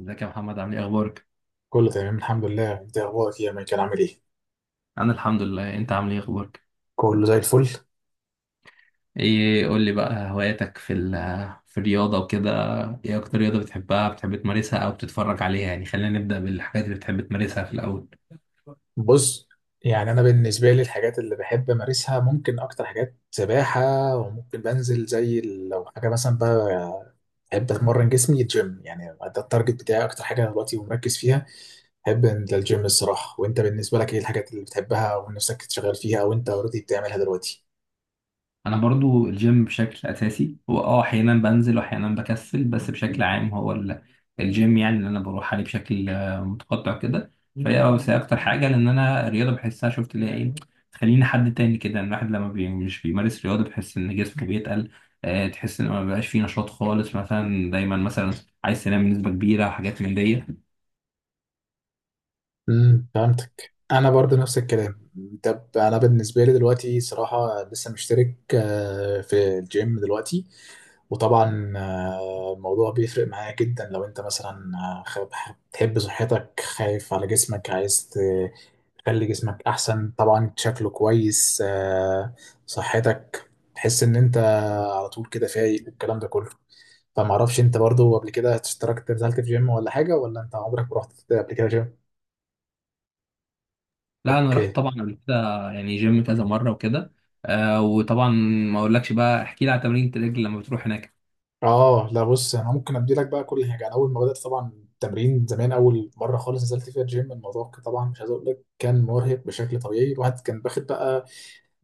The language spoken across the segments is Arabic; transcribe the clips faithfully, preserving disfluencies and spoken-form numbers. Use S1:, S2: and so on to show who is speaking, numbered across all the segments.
S1: ازيك يا محمد، عامل ايه؟ اخبارك؟
S2: كله تمام الحمد لله، انت اخبارك ايه يا مايكل؟ عامل ايه؟
S1: انا الحمد لله. انت عامل ايه؟ اخبارك؟
S2: كله زي الفل.
S1: ايه، قول لي بقى هواياتك في ال في الرياضه وكده. ايه اكتر رياضه بتحبها، بتحب تمارسها او بتتفرج عليها؟ يعني خلينا نبدا بالحاجات اللي بتحب تمارسها في الاول.
S2: بص، يعني انا بالنسبه لي الحاجات اللي بحب امارسها ممكن اكتر حاجات سباحه. وممكن بنزل زي ال- لو حاجه مثلا بقى، بحب اتمرن جسمي الجيم، يعني ده التارجت بتاعي اكتر حاجه دلوقتي ومركز فيها. بحب انزل الجيم الصراحه. وانت بالنسبه لك ايه الحاجات اللي بتحبها ونفسك تشتغل فيها وانت اوريدي بتعملها دلوقتي؟
S1: انا برضو الجيم بشكل اساسي هو اه احيانا بنزل واحيانا بكسل، بس بشكل عام هو ال- الجيم يعني اللي انا بروح عليه بشكل آه، متقطع كده. فهي اه بس هي اكتر حاجه، لان انا الرياضه بحسها، شفت اللي هي ايه، تخليني حد تاني كده. ان الواحد لما بي مش بيمارس رياضه بحس ان جسمه بيتقل. آه، تحس ان ما بقاش فيه نشاط خالص، مثلا دايما مثلا عايز تنام بنسبه كبيره وحاجات من دي.
S2: امم فهمتك، انا برضو نفس الكلام. طب انا بالنسبه لي دلوقتي صراحه لسه مشترك آه، في الجيم دلوقتي. وطبعا آه، الموضوع بيفرق معايا جدا لو انت مثلا آه، خ- بتحب صحتك، خايف على جسمك، عايز ت- تخلي جسمك احسن، طبعا شكله كويس، آه، صحتك، تحس ان انت على طول كده فايق والكلام ده كله. فمعرفش، انت برضو قبل كده اشتركت نزلت في جيم ولا حاجه، ولا انت عمرك ما رحت قبل كده جيم؟
S1: لا، انا رحت
S2: اوكي.
S1: طبعا قبل كده. يعني جيم كذا مره وكده. آه، وطبعا ما اقولكش بقى، احكي لي على تمرين الرجل لما بتروح هناك.
S2: اه لا، بص انا ممكن ابدي لك بقى كل حاجه. انا اول ما بدات طبعا التمرين زمان، اول مره خالص نزلت فيها الجيم، الموضوع كان طبعا، مش عايز اقول لك، كان مرهق بشكل طبيعي. الواحد كان باخد بقى،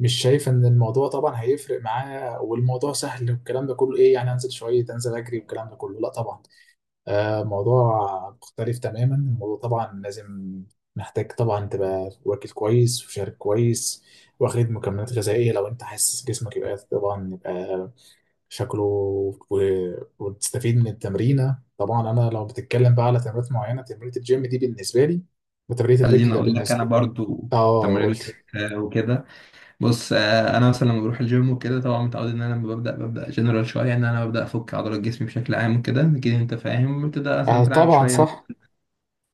S2: مش شايف ان الموضوع طبعا هيفرق معاه والموضوع سهل والكلام ده كله ايه، يعني انزل شويه انزل اجري والكلام ده كله. لا طبعا، آه موضوع مختلف تماما، الموضوع طبعا لازم، محتاج طبعا تبقى واكل كويس وشارب كويس، واخد مكملات غذائيه. لو انت حاسس جسمك يبقى طبعا يبقى شكله، و- وتستفيد من التمرينة. طبعا انا لو بتتكلم بقى على تمرينات معينة، تمرينة الجيم دي بالنسبة لي، وتمرينة
S1: خليني
S2: الرجل
S1: اقول لك انا
S2: بالنسبة.
S1: برضو
S2: اه،
S1: تمرين
S2: قلت.
S1: آه، وكده. بص، آه، انا مثلا لما بروح الجيم وكده طبعا متعود ان انا لما ببدا ببدا جنرال شويه، ان انا ببدا افك عضلات جسمي بشكل عام وكده. اكيد انت فاهم، بتبدا مثلا
S2: آه،
S1: تلعب
S2: طبعا
S1: شويه.
S2: صح.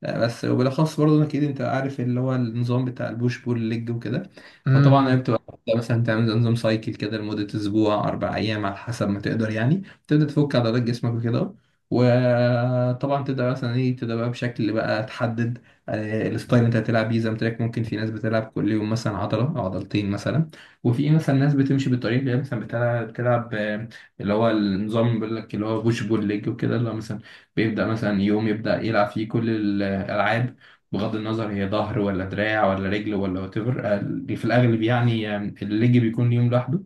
S1: آه، بس وبالاخص برضه اكيد انت عارف اللي هو النظام بتاع البوش بول ليج وكده. فطبعا هي
S2: امم.
S1: بتبقى واحدة مثلا تعمل زي نظام سايكل كده لمده اسبوع، اربع ايام على حسب ما تقدر يعني. تبدا تفك عضلات جسمك وكده. وطبعا تبدا مثلا ايه، تبدا بقى بشكل بقى تحدد آه، الستايل اللي انت هتلعب بيه. زي ما قلت لك، ممكن في ناس بتلعب كل يوم مثلا عضله او عضلتين مثلا، وفي مثلا ناس بتمشي بالطريقه اللي هي مثلا بتلعب بتلعب آه، اللي هو النظام بيقول لك، اللي هو بوش بول ليج وكده، اللي هو مثلا بيبدأ مثلا يوم يبدأ يلعب فيه كل الألعاب، بغض النظر هي ظهر ولا دراع ولا رجل ولا وات ايفر. في الأغلب يعني آه، الليج بيكون يوم لوحده،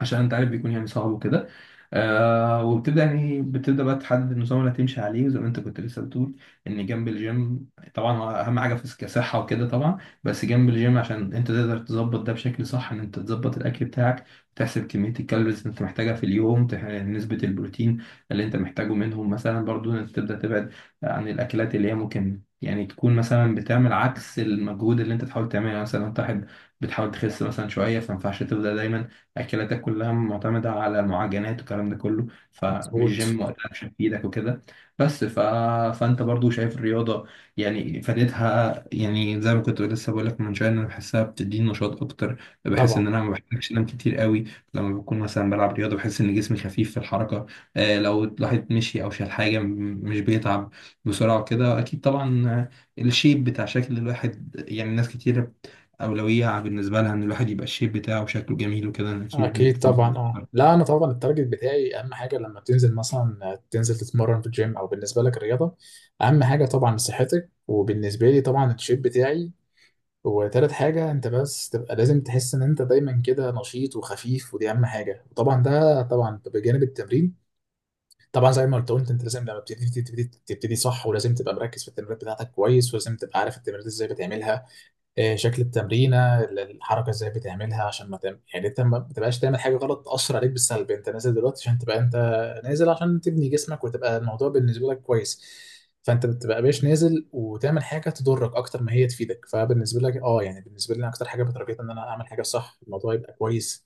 S1: عشان أنت عارف بيكون يعني صعب وكده. آه وبتبدأ يعني بتبدأ بقى تحدد النظام اللي هتمشي عليه. وزي ما انت كنت لسه بتقول، ان جنب الجيم طبعا اهم حاجة في كصحة وكده، طبعا بس جنب الجيم، عشان انت تقدر تظبط ده بشكل صح، ان انت تظبط الاكل بتاعك، تحسب كمية الكالوريز اللي انت محتاجها في اليوم، تح- نسبة البروتين اللي انت محتاجه منهم مثلا. برضو انت تبدأ تبعد عن الاكلات اللي هي ممكن يعني تكون مثلا بتعمل عكس المجهود اللي انت تحاول تعمله. يعني مثلا انت واحد بتحاول تخس مثلا شوية، فما ينفعش تبدأ دايما اكلاتك كلها معتمده على المعجنات والكلام ده كله، فمش
S2: مظبوط.
S1: جيم وقتها مش هتفيدك وكده. بس ف... فانت برضو شايف الرياضه يعني فادتها؟ يعني زي ما كنت لسه بقول لك من شويه، إن انا بحسها بتديني نشاط اكتر. بحس ان
S2: طبعا،
S1: انا ما بحتاجش انام كتير قوي. لما بكون مثلا بلعب رياضه بحس ان جسمي خفيف في الحركه. آه، لو الواحد مشي او شال حاجه م- مش بيتعب بسرعه وكده، اكيد طبعا. آه، الشيب بتاع شكل الواحد، يعني ناس كتير أولوية بالنسبة لها إن الواحد يبقى الشيب بتاعه وشكله جميل وكده. أنا أكيد أنت
S2: اكيد
S1: طبعا
S2: طبعا. اه
S1: متأخر.
S2: لا، انا طبعا التارجت بتاعي اهم حاجة لما تنزل مثلا تنزل تتمرن في الجيم او بالنسبة لك الرياضة، اهم حاجة طبعا صحتك، وبالنسبة لي طبعا الشيب بتاعي، وتالت حاجة انت بس تبقى لازم تحس ان انت دايما كده نشيط وخفيف، ودي اهم حاجة، وطبعا ده طبعا بجانب التمرين. طبعا زي ما قلت قلت، انت لازم لما بتبتدي تبتدي, تبتدي صح، ولازم تبقى مركز في التمرينات بتاعتك كويس، ولازم تبقى عارف التمرينات ازاي بتعملها. آه، شكل التمرينه، ال- الحركه ازاي بتعملها، عشان ما تعمل يعني انت ما بتبقاش تعمل حاجه غلط تاثر عليك بالسلب. انت نازل دلوقتي عشان تبقى انت نازل عشان تبني جسمك، وتبقى الموضوع بالنسبه لك كويس. فانت بتبقى باش نازل وتعمل حاجه تضرك اكتر ما هي تفيدك. فبالنسبه لك اه يعني، بالنسبه لي انا اكتر حاجه بترجيت ان انا اعمل حاجه صح، الموضوع يبقى كويس.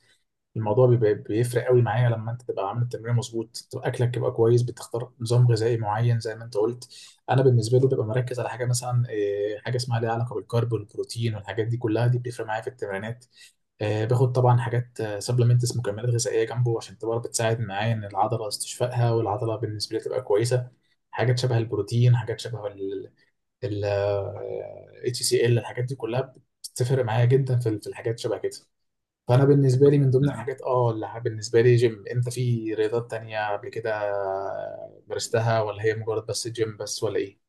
S2: الموضوع بيبقى بيفرق قوي معايا لما انت تبقى عامل التمرين مظبوط، تبقى اكلك يبقى كويس، بتختار نظام غذائي معين زي ما انت قلت. انا بالنسبه له ببقى مركز على حاجه مثلا إيه، حاجه اسمها ليها علاقه بالكارب والبروتين والحاجات دي كلها، دي بتفرق معايا في التمرينات. آه، باخد طبعا حاجات سبلمنتس، مكملات غذائيه جنبه عشان تبقى بتساعد معايا، ان العضله استشفائها، والعضله بالنسبه لي تبقى كويسه. حاجات شبه البروتين، حاجات شبه ال ال اتش سي ال، الحاجات دي كلها بتفرق معايا جدا في ال- في الحاجات شبه كده. فانا بالنسبه لي من ضمن
S1: لا.
S2: الحاجات اه اللي بالنسبه لي جيم. انت في رياضات تانية قبل كده مارستها، ولا هي مجرد بس جيم بس، ولا ايه؟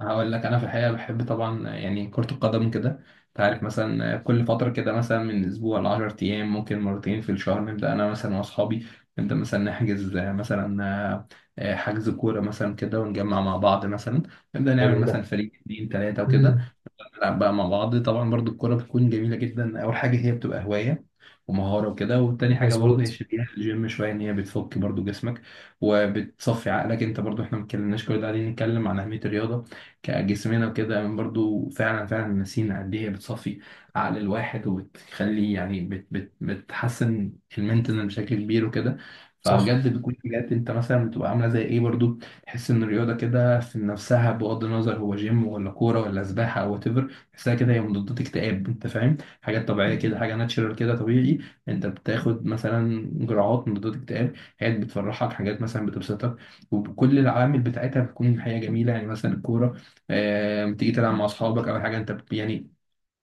S1: هقول لك أنا في الحقيقة بحب طبعا يعني كرة القدم كده. أنت عارف مثلا كل فترة كده مثلا من أسبوع لعشر أيام، ممكن مرتين في الشهر، نبدأ أنا مثلا وأصحابي نبدأ مثلا نحجز مثلا حجز كورة مثلا كده، ونجمع مع بعض مثلا نبدأ
S2: حلو
S1: نعمل
S2: ده.
S1: مثلا فريق اتنين تلاتة وكده.
S2: امم.
S1: بنلعب بقى مع بعض. طبعا برضو الكرة بتكون جميلة جدا. أول حاجة هي بتبقى هواية ومهارة وكده، والتاني حاجة برضو هي
S2: مظبوط.
S1: شبيهة الجيم شوية، إن هي بتفك برضو جسمك وبتصفي عقلك. أنت برضو إحنا ما اتكلمناش كل ده، قاعدين نتكلم عن أهمية الرياضة كجسمنا وكده، برضو فعلا فعلا نسينا قد إيه هي بتصفي عقل الواحد، وبتخلي يعني بت بت بتحسن المنتنال بشكل كبير وكده.
S2: صح.
S1: فبجد بتكون حاجات انت مثلا بتبقى عامله زي ايه. برضو تحس ان الرياضه كده في نفسها، بغض النظر هو جيم ولا كوره ولا سباحه او وات، تحسها كده هي مضادات اكتئاب، انت فاهم؟ حاجات طبيعيه كده، حاجه ناتشرال كده طبيعي. انت بتاخد مثلا جرعات مضادات اكتئاب، حاجات بتفرحك، حاجات مثلا بتبسطك. وكل العوامل بتاعتها بتكون حاجه جميله. يعني مثلا الكوره، آه، بتيجي تلعب مع اصحابك او حاجه، انت ب- يعني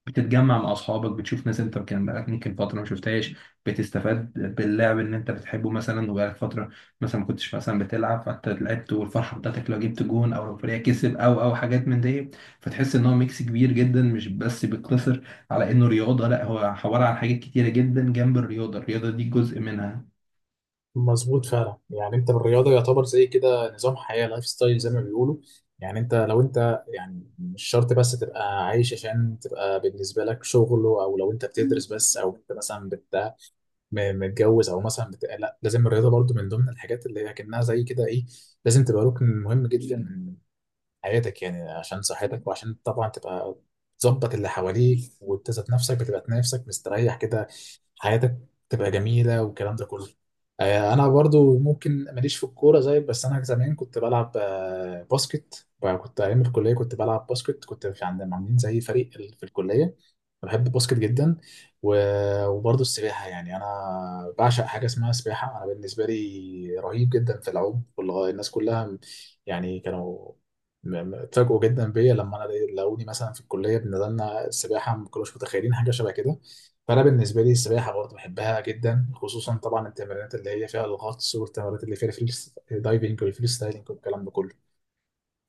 S1: بتتجمع مع اصحابك، بتشوف ناس انت كان بقالك ممكن فتره ما شفتهاش. بتستفاد باللعب ان انت بتحبه مثلا، وبقالك فتره مثلا ما كنتش مثلا بتلعب، فانت لعبت، والفرحه بتاعتك لو جبت جون او لو فريقك كسب او او حاجات من دي. فتحس ان هو ميكس كبير جدا، مش بس بيقتصر على انه رياضه. لا، هو عباره عن حاجات كتيره جدا جنب الرياضه، الرياضه دي جزء منها.
S2: مظبوط فعلا، يعني انت بالرياضه يعتبر زي كده نظام حياه، لايف ستايل زي ما بيقولوا. يعني انت لو انت يعني مش شرط بس تبقى عايش عشان تبقى بالنسبه لك شغل، او لو انت بتدرس بس، او انت مثلا بت م- متجوز، او مثلا بت... لا، لازم الرياضه برضو من ضمن الحاجات اللي هي كانها زي كده ايه، لازم تبقى ركن مهم جدا من حياتك، يعني عشان صحتك وعشان طبعا تبقى تظبط اللي حواليك، وتزت نفسك، بتبقى نفسك مستريح كده، حياتك تبقى جميلة والكلام ده كله. آه، أنا برضو ممكن ماليش في الكورة زيك، بس أنا زمان كنت بلعب آه، باسكت. كنت أيام الكلية كنت بلعب باسكت، كنت في عند عاملين زي فريق ال- في الكلية. بحب الباسكت جدا. و- وبرضو السباحة، يعني أنا بعشق حاجة اسمها سباحة. أنا بالنسبة لي رهيب جدا في العوم، والله الناس كلها يعني كانوا، م- م- اتفاجئوا جدا بيا لما أنا لقوني مثلا في الكلية بنزلنا السباحة، ما كانوش متخيلين حاجة شبه كده. فانا بالنسبه لي السباحه برضه بحبها جدا، خصوصا طبعا التمرينات اللي هي فيها الغطس، والتمرينات اللي فيها الفري دايفنج والفري ستايلنج والكلام ده كله.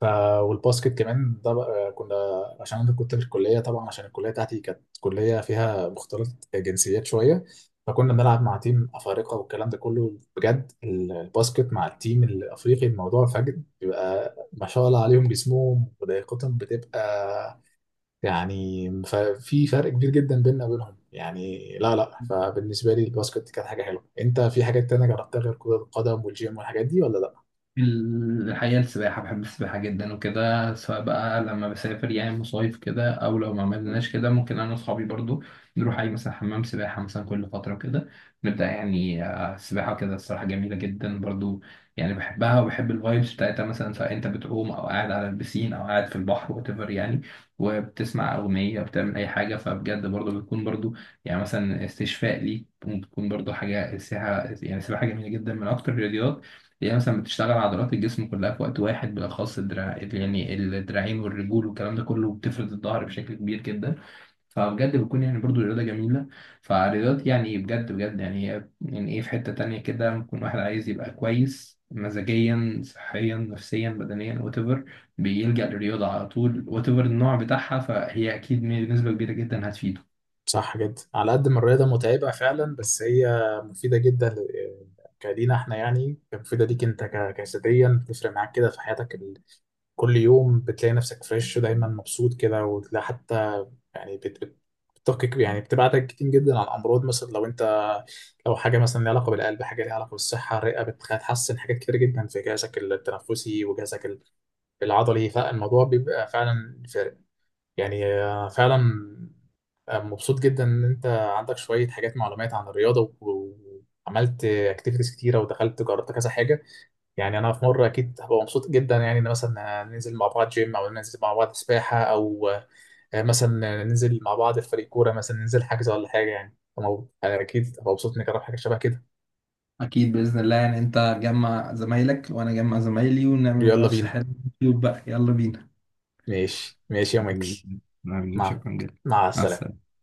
S2: ف والباسكت كمان ده بقى، كنا عشان انا كنت في الكليه طبعا، عشان الكليه بتاعتي كانت كليه فيها مختلط جنسيات شويه، فكنا بنلعب مع تيم افارقه والكلام ده كله. بجد الباسكت مع التيم الافريقي الموضوع فجد بيبقى، ما شاء الله عليهم جسمهم ولياقتهم بتبقى، يعني ففي فرق كبير جدا بيننا وبينهم يعني، لا لا. فبالنسبة لي الباسكت كانت حاجة حلوة. انت في حاجات تانية جربتها غير كرة القدم والجيم والحاجات دي، ولا لا؟
S1: الحقيقة السباحة، بحب السباحة جدا وكده. سواء بقى لما بسافر يعني مصايف كده، أو لو ما عملناش كده ممكن أنا وأصحابي برضو نروح أي مثلا حمام سباحة مثلا كل فترة كده، نبدأ يعني آه، السباحة كده الصراحة جميلة جدا برضو. يعني بحبها وبحب الفايبس بتاعتها، مثلا سواء أنت بتعوم أو قاعد على البسين أو قاعد في البحر، وات ايفر يعني. وبتسمع أغنية، بتعمل أي حاجة، فبجد برضو بتكون برضو يعني مثلا استشفاء ليك، وبتكون برضو حاجة السباحة يعني. السباحة جميلة جدا، من أكتر الرياضيات هي مثلا بتشتغل عضلات الجسم كلها في وقت واحد، بالأخص الدراع يعني الدراعين والرجول والكلام ده كله، وبتفرد الظهر بشكل كبير جدا. فبجد بتكون يعني برضو رياضة جميلة. فالرياضات يعني بجد بجد، يعني هي يعني ايه، في حتة تانية كده ممكن واحد عايز يبقى كويس مزاجيا، صحيا، نفسيا، بدنيا، whatever، بيلجأ للرياضة على طول. whatever النوع بتاعها فهي أكيد بنسبة كبيرة جدا هتفيده.
S2: صح جدا، على قد ما الرياضة متعبة فعلا بس هي مفيدة جدا ل- كلينا احنا، يعني مفيدة ليك انت ك- جسديا، بتفرق معاك كده في حياتك ال- كل يوم بتلاقي نفسك فريش ودايما مبسوط كده، وتلاقي حتى، يعني بت بت بتقي- يعني بتبعدك كتير جدا عن امراض، مثلا لو انت، او حاجه مثلا ليها علاقه بالقلب، حاجه ليها علاقه بالصحه، الرئه، بتخ- بتحسن حاجات كتير جدا في جهازك التنفسي، وجهازك ال- العضلي. فالموضوع بيبقى فعلا فارق، يعني آه، فعلا. آه، مبسوط جدا ان انت عندك شويه حاجات، معلومات عن الرياضه و- وعملت اكتيفيتيز كتيره، ودخلت جربت كذا حاجه. يعني انا في مره اكيد هبقى مبسوط جدا يعني، ان مثلا ننزل مع بعض جيم، او ننزل مع بعض سباحه، او آه، مثلا ننزل مع بعض في فريق كوره، مثلا ننزل حجز ولا حاجه. يعني أنا أنا أكيد هبقى مبسوط إني أجرب حاجة شبه كده.
S1: اكيد باذن الله. يعني انت تجمع زمايلك وانا اجمع زمايلي ونعمل
S2: يلا
S1: منافسه
S2: بينا.
S1: حلوه في اليوتيوب بقى. يلا بينا.
S2: ماشي ماشي يا مايكل.
S1: نعم،
S2: مع
S1: شكرا جدا.
S2: مع
S1: مع
S2: السلامة.
S1: السلامة.